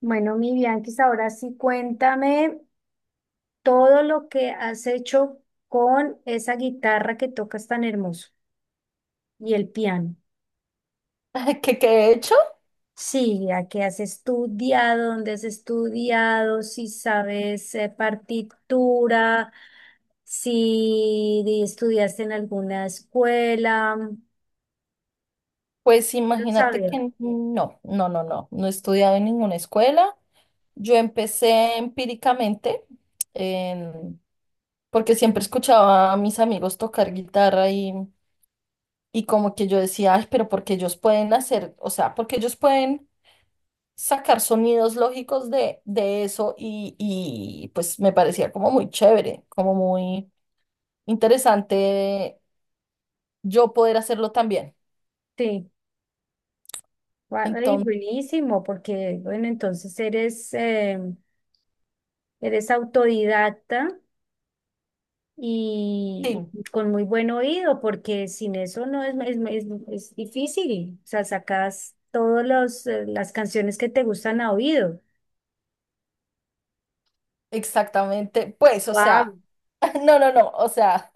Bueno, mi Bianquis, ahora sí cuéntame todo lo que has hecho con esa guitarra que tocas tan hermoso y el piano. ¿Qué, qué he hecho? Sí, ¿a qué has estudiado, dónde has estudiado, si sabes partitura, si di- estudiaste en alguna escuela? Pues Quiero imagínate saber. que no, no, no, no, no he estudiado en ninguna escuela. Yo empecé empíricamente, en- porque siempre escuchaba a mis amigos tocar guitarra y como que yo decía, ay, pero porque ellos pueden hacer, o sea, porque ellos pueden sacar sonidos lógicos de eso y pues me parecía como muy chévere, como muy interesante yo poder hacerlo también. Sí, guay, Entonces, buenísimo, porque bueno, entonces eres, eres autodidacta. y sí. y con muy buen oído, porque sin eso no es, es difícil. O sea, sacas todas las canciones que te gustan a oído. Exactamente, pues, o Wow. sea, no, o sea,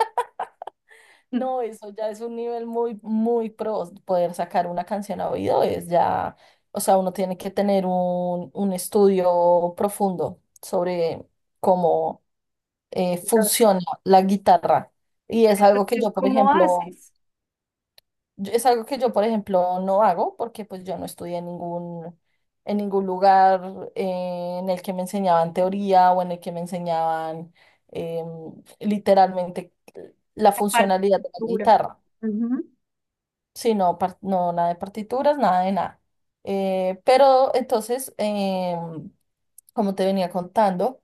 no, eso ya es un nivel muy, muy pro, poder sacar una canción a oído es ya, o sea, uno tiene que tener un estudio profundo sobre cómo Entonces, funciona la guitarra. Y es algo que yo, por ¿Cómo ejemplo, haces es algo que yo, por ejemplo, no hago porque pues yo no estudié en ningún lugar en el que me enseñaban teoría o en el que me enseñaban em, literalmente la la funcionalidad de la partitura? guitarra, Ujú. sino no nada de partituras, nada de nada. Pero entonces, como te venía contando,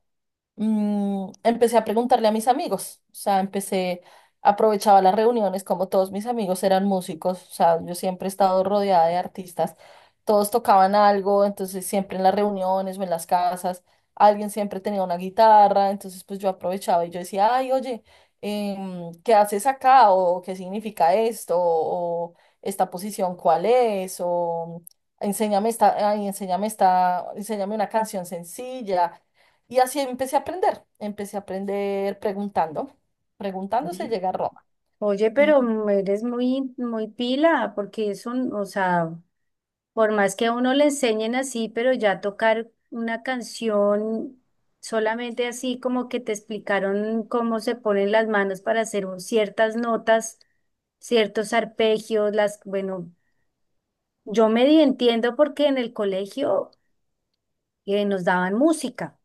empecé a preguntarle a mis amigos, o sea, empecé, aprovechaba las reuniones, como todos mis amigos eran músicos, o sea, yo siempre he estado rodeada de artistas, todos tocaban algo, entonces siempre en las reuniones o en las casas, alguien siempre tenía una guitarra, entonces pues yo aprovechaba y yo decía, ay, oye, ¿qué haces acá? ¿O qué significa esto? ¿O esta posición cuál es? ¿O enséñame esta, ay, enséñame esta, enséñame una canción sencilla? Y así empecé a aprender preguntando, preguntando se llega a Roma. Oye, Y pero eres muy, muy pila, porque eso, o sea, por más que a uno le enseñen así, pero ya tocar una canción solamente así, como que te explicaron cómo se ponen las manos para ciertas notas, ciertos arpegios, las, bueno, entiendo porque en el colegio nos daban música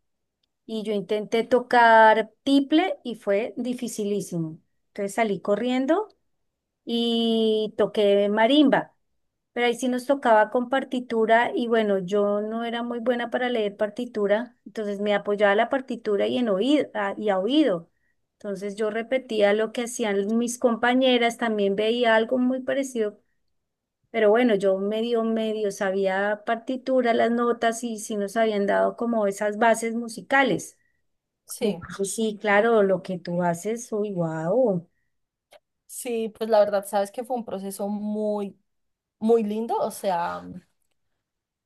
y yo intenté tocar tiple y fue dificilísimo. Entonces salí corriendo y toqué marimba. Pero ahí sí nos tocaba con partitura y bueno, yo no era muy buena para leer partitura, entonces me apoyaba la partitura y a oído. Entonces yo repetía lo que hacían mis compañeras, también veía algo muy parecido, pero bueno, yo medio sabía partitura, las notas, y sí nos habían dado como esas bases musicales. sí, Entonces sí, claro, lo que tú haces, uy, wow. sí, pues la verdad, sabes que fue un proceso muy, muy lindo, o sea,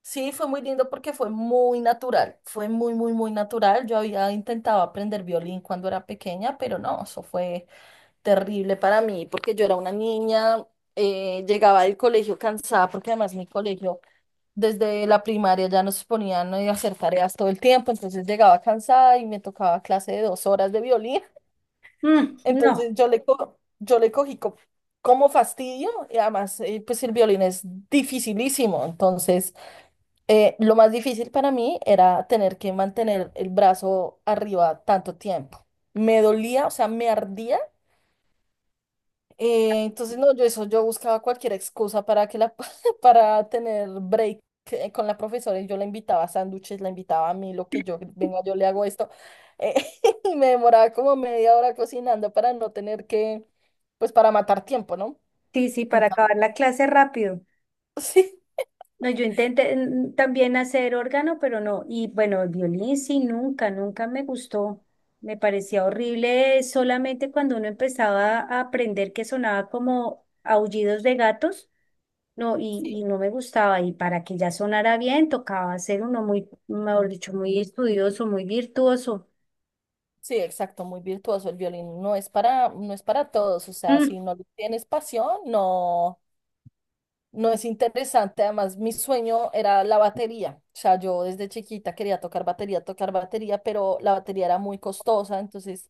sí, fue muy lindo porque fue muy natural, fue muy, muy, muy natural. Yo había intentado aprender violín cuando era pequeña, pero no, eso fue terrible para mí porque yo era una niña, llegaba del colegio cansada porque además mi colegio desde la primaria ya nos ponían a hacer tareas todo el tiempo, entonces llegaba cansada y me tocaba clase de 2 horas de violín. Entonces No, yo le cogí como fastidio y además pues el violín es dificilísimo. Entonces lo más difícil para mí era tener que mantener el brazo arriba tanto tiempo. Me dolía, o sea, me ardía entonces, no, yo eso, yo buscaba cualquier excusa para que la, para tener break con la profesora y yo la invitaba a sándwiches, la invitaba a mí, lo que yo, venga, yo le hago esto. eh, y me demoraba como media hora cocinando para no tener que, pues para matar tiempo, ¿no? sí, sí, En para cambio, acabar la clase rápido. sí, No, yo intenté también hacer órgano, pero no. Y bueno, el violín sí, nunca, nunca me gustó. Me parecía horrible solamente cuando uno empezaba a aprender, que sonaba como aullidos de gatos. No, sí, y no me gustaba. Y para que ya sonara bien, tocaba ser uno muy, mejor dicho, muy estudioso, muy virtuoso. sí, exacto, muy virtuoso el violín. No es para, no es para todos, o sea, Mm. si no le tienes pasión, no. No es interesante, además mi sueño era la batería, o sea, yo desde chiquita quería tocar batería, pero la batería era muy costosa, entonces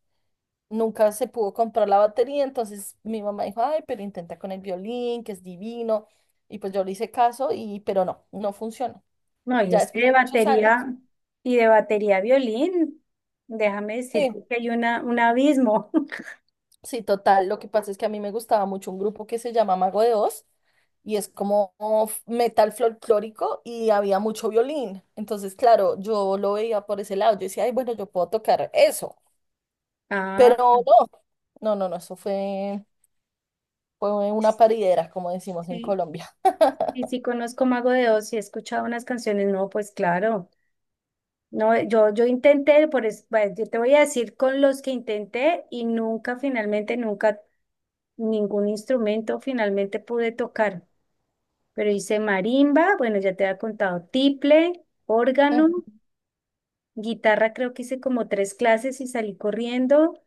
nunca se pudo comprar la batería, entonces mi mamá dijo, ay, pero intenta con el violín, que es divino, y pues yo le hice caso, y pero no, no funcionó. No, y Ya es después que de de muchos años, batería y de batería a violín, déjame sí. decirte que hay una, un abismo. Sí, total. Lo que pasa es que a mí me gustaba mucho un grupo que se llama Mago de Oz y es como metal folclórico y había mucho violín. Entonces, claro, yo lo veía por ese lado. Yo decía, ay, bueno, yo puedo tocar eso. Ah. Pero no, no, eso fue, fue una paridera, como decimos en Sí, Colombia. y sí conozco Mago de Oz y he escuchado unas canciones, no, pues claro. No, yo, yo intenté, bueno, yo te voy a decir con los que intenté y nunca, finalmente, nunca ningún instrumento finalmente pude tocar. Pero hice marimba, bueno, ya te había contado, tiple, Ujú. órgano, guitarra creo que hice como tres clases y salí corriendo,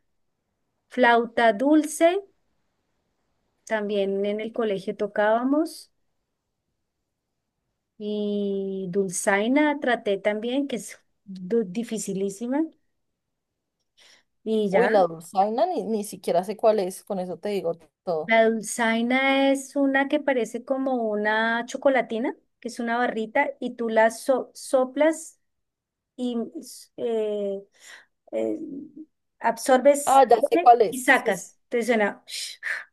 flauta dulce, también en el colegio tocábamos, y dulzaina traté también, que es dificilísima. Y Uy, ya, la dulzaina ni siquiera sé cuál es, con eso te digo todo. la dulzaina es una que parece como una chocolatina, que es una barrita, y tú soplas y eh, absorbes Ah, ya sé cuál y es. Sí, sí. sacas. Entonces suena.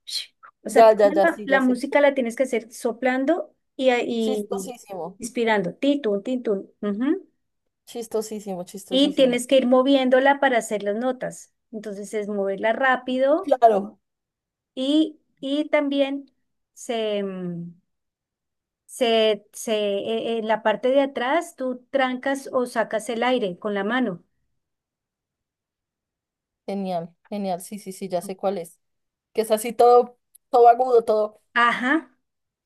O sea, Ya, tú ya, ya, sí, la ya sé. música la tienes que hacer soplando y Chistosísimo, inspirando. Titun, titun. Ujú. chistosísimo, Y chistosísimo. tienes que ir moviéndola para hacer las notas. Entonces es moverla rápido. Claro. Y también se, mm, se, e- en la parte de atrás tú trancas o sacas el aire con la mano. Genial, genial, sí, sí, sí, ya sé cuál es. Que es así todo, todo agudo, todo. Ajá.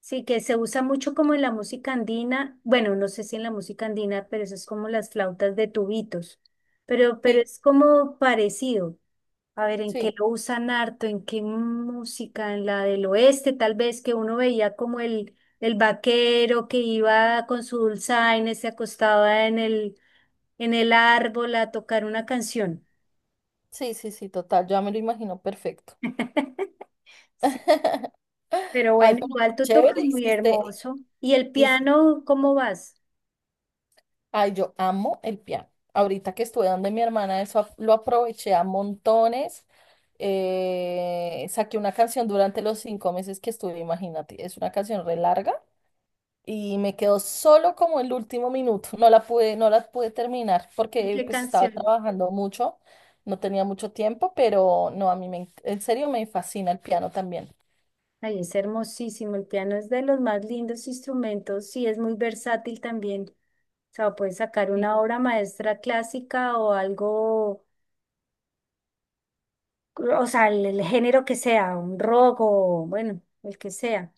Sí, que se usa mucho como en la música andina. Bueno, no sé si en la música andina, pero eso es como las flautas de tubitos. Pero Sí, es como parecido. A ver, ¿en qué sí, lo usan harto? ¿En qué música? En la del oeste, tal vez, que uno veía como el vaquero que iba con su dulzaina, se acostaba en el árbol a tocar una canción. sí, sí, sí, total, ya me lo imagino perfecto. Sí. Pero Ay, bueno, pero igual tú tocas chévere, muy hermoso. ¿Y el hici- piano, cómo vas? ay, yo amo el piano. Ahorita que estuve donde mi hermana, eso lo aproveché a montones. Saqué una canción durante los 5 meses que estuve, imagínate, es una canción re larga y me quedó solo como el último minuto. No la pude, no la pude terminar ¿Y porque qué pues estaba canción? trabajando mucho, no tenía mucho tiempo, pero no, a mí me, en serio me fascina el piano también. Ay, es hermosísimo. El piano es de los más lindos instrumentos. Sí, es muy versátil también. O sea, puedes sacar una obra maestra clásica o algo, o sea, el género que sea, un rock o bueno, el que sea,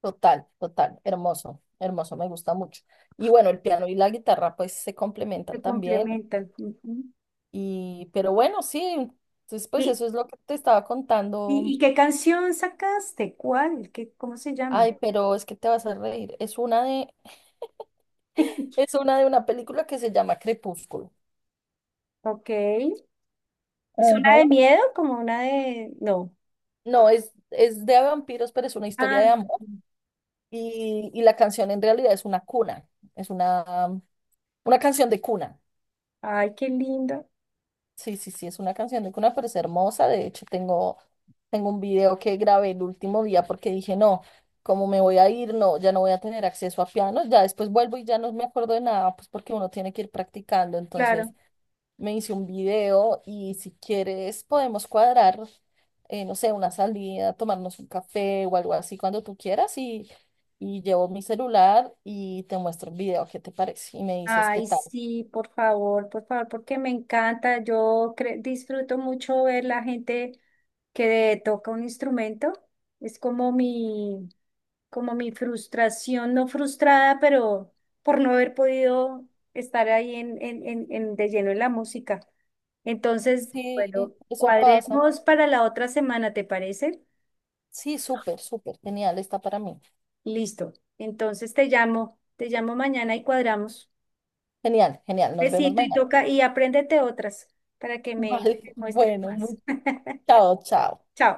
Total, total, hermoso, hermoso, me gusta mucho. Y bueno, el piano y la guitarra pues se se complementan también. complementan. Ujú. Y, pero bueno, sí, entonces pues ¿Y, eso es lo que te estaba y contando. qué canción sacaste? ¿Cuál? ¿Qué, cómo se llama? Ay, pero es que te vas a reír. Es una de una película que se llama Crepúsculo. Ok. ¿Es una de Ujú. miedo? Como una de... No. No, es de vampiros, pero es una historia Ah, de amor. Y la canción en realidad es una cuna. Es una canción de cuna. ay, qué lindo. Sí, sí, sí, es una canción de cuna, pero es hermosa. De hecho, tengo, tengo un video que grabé el último día porque dije, no, como me voy a ir, no, ya no voy a tener acceso a pianos. Ya después vuelvo y ya no me acuerdo de nada, pues porque uno tiene que ir practicando. Entonces, Claro. me hice un video y si quieres podemos cuadrar, no sé, una salida, tomarnos un café o algo así cuando tú quieras y llevo mi celular y te muestro el video, ¿qué te parece? Y me dices qué Ay, tal. sí, por favor, porque me encanta. Disfruto mucho ver la gente que toca un instrumento. Es como mi frustración, no frustrada, pero por no haber podido estar ahí de lleno en la música. Entonces, Sí, bueno, eso pasa. cuadremos para la otra semana, ¿te parece? Sí, súper, súper, genial, está para mí. Listo. Entonces te llamo mañana y cuadramos. Genial, genial, nos vemos Besito y mañana. toca y apréndete otras para que me Vale, me muestres bueno, más. Chao, chao. Chao.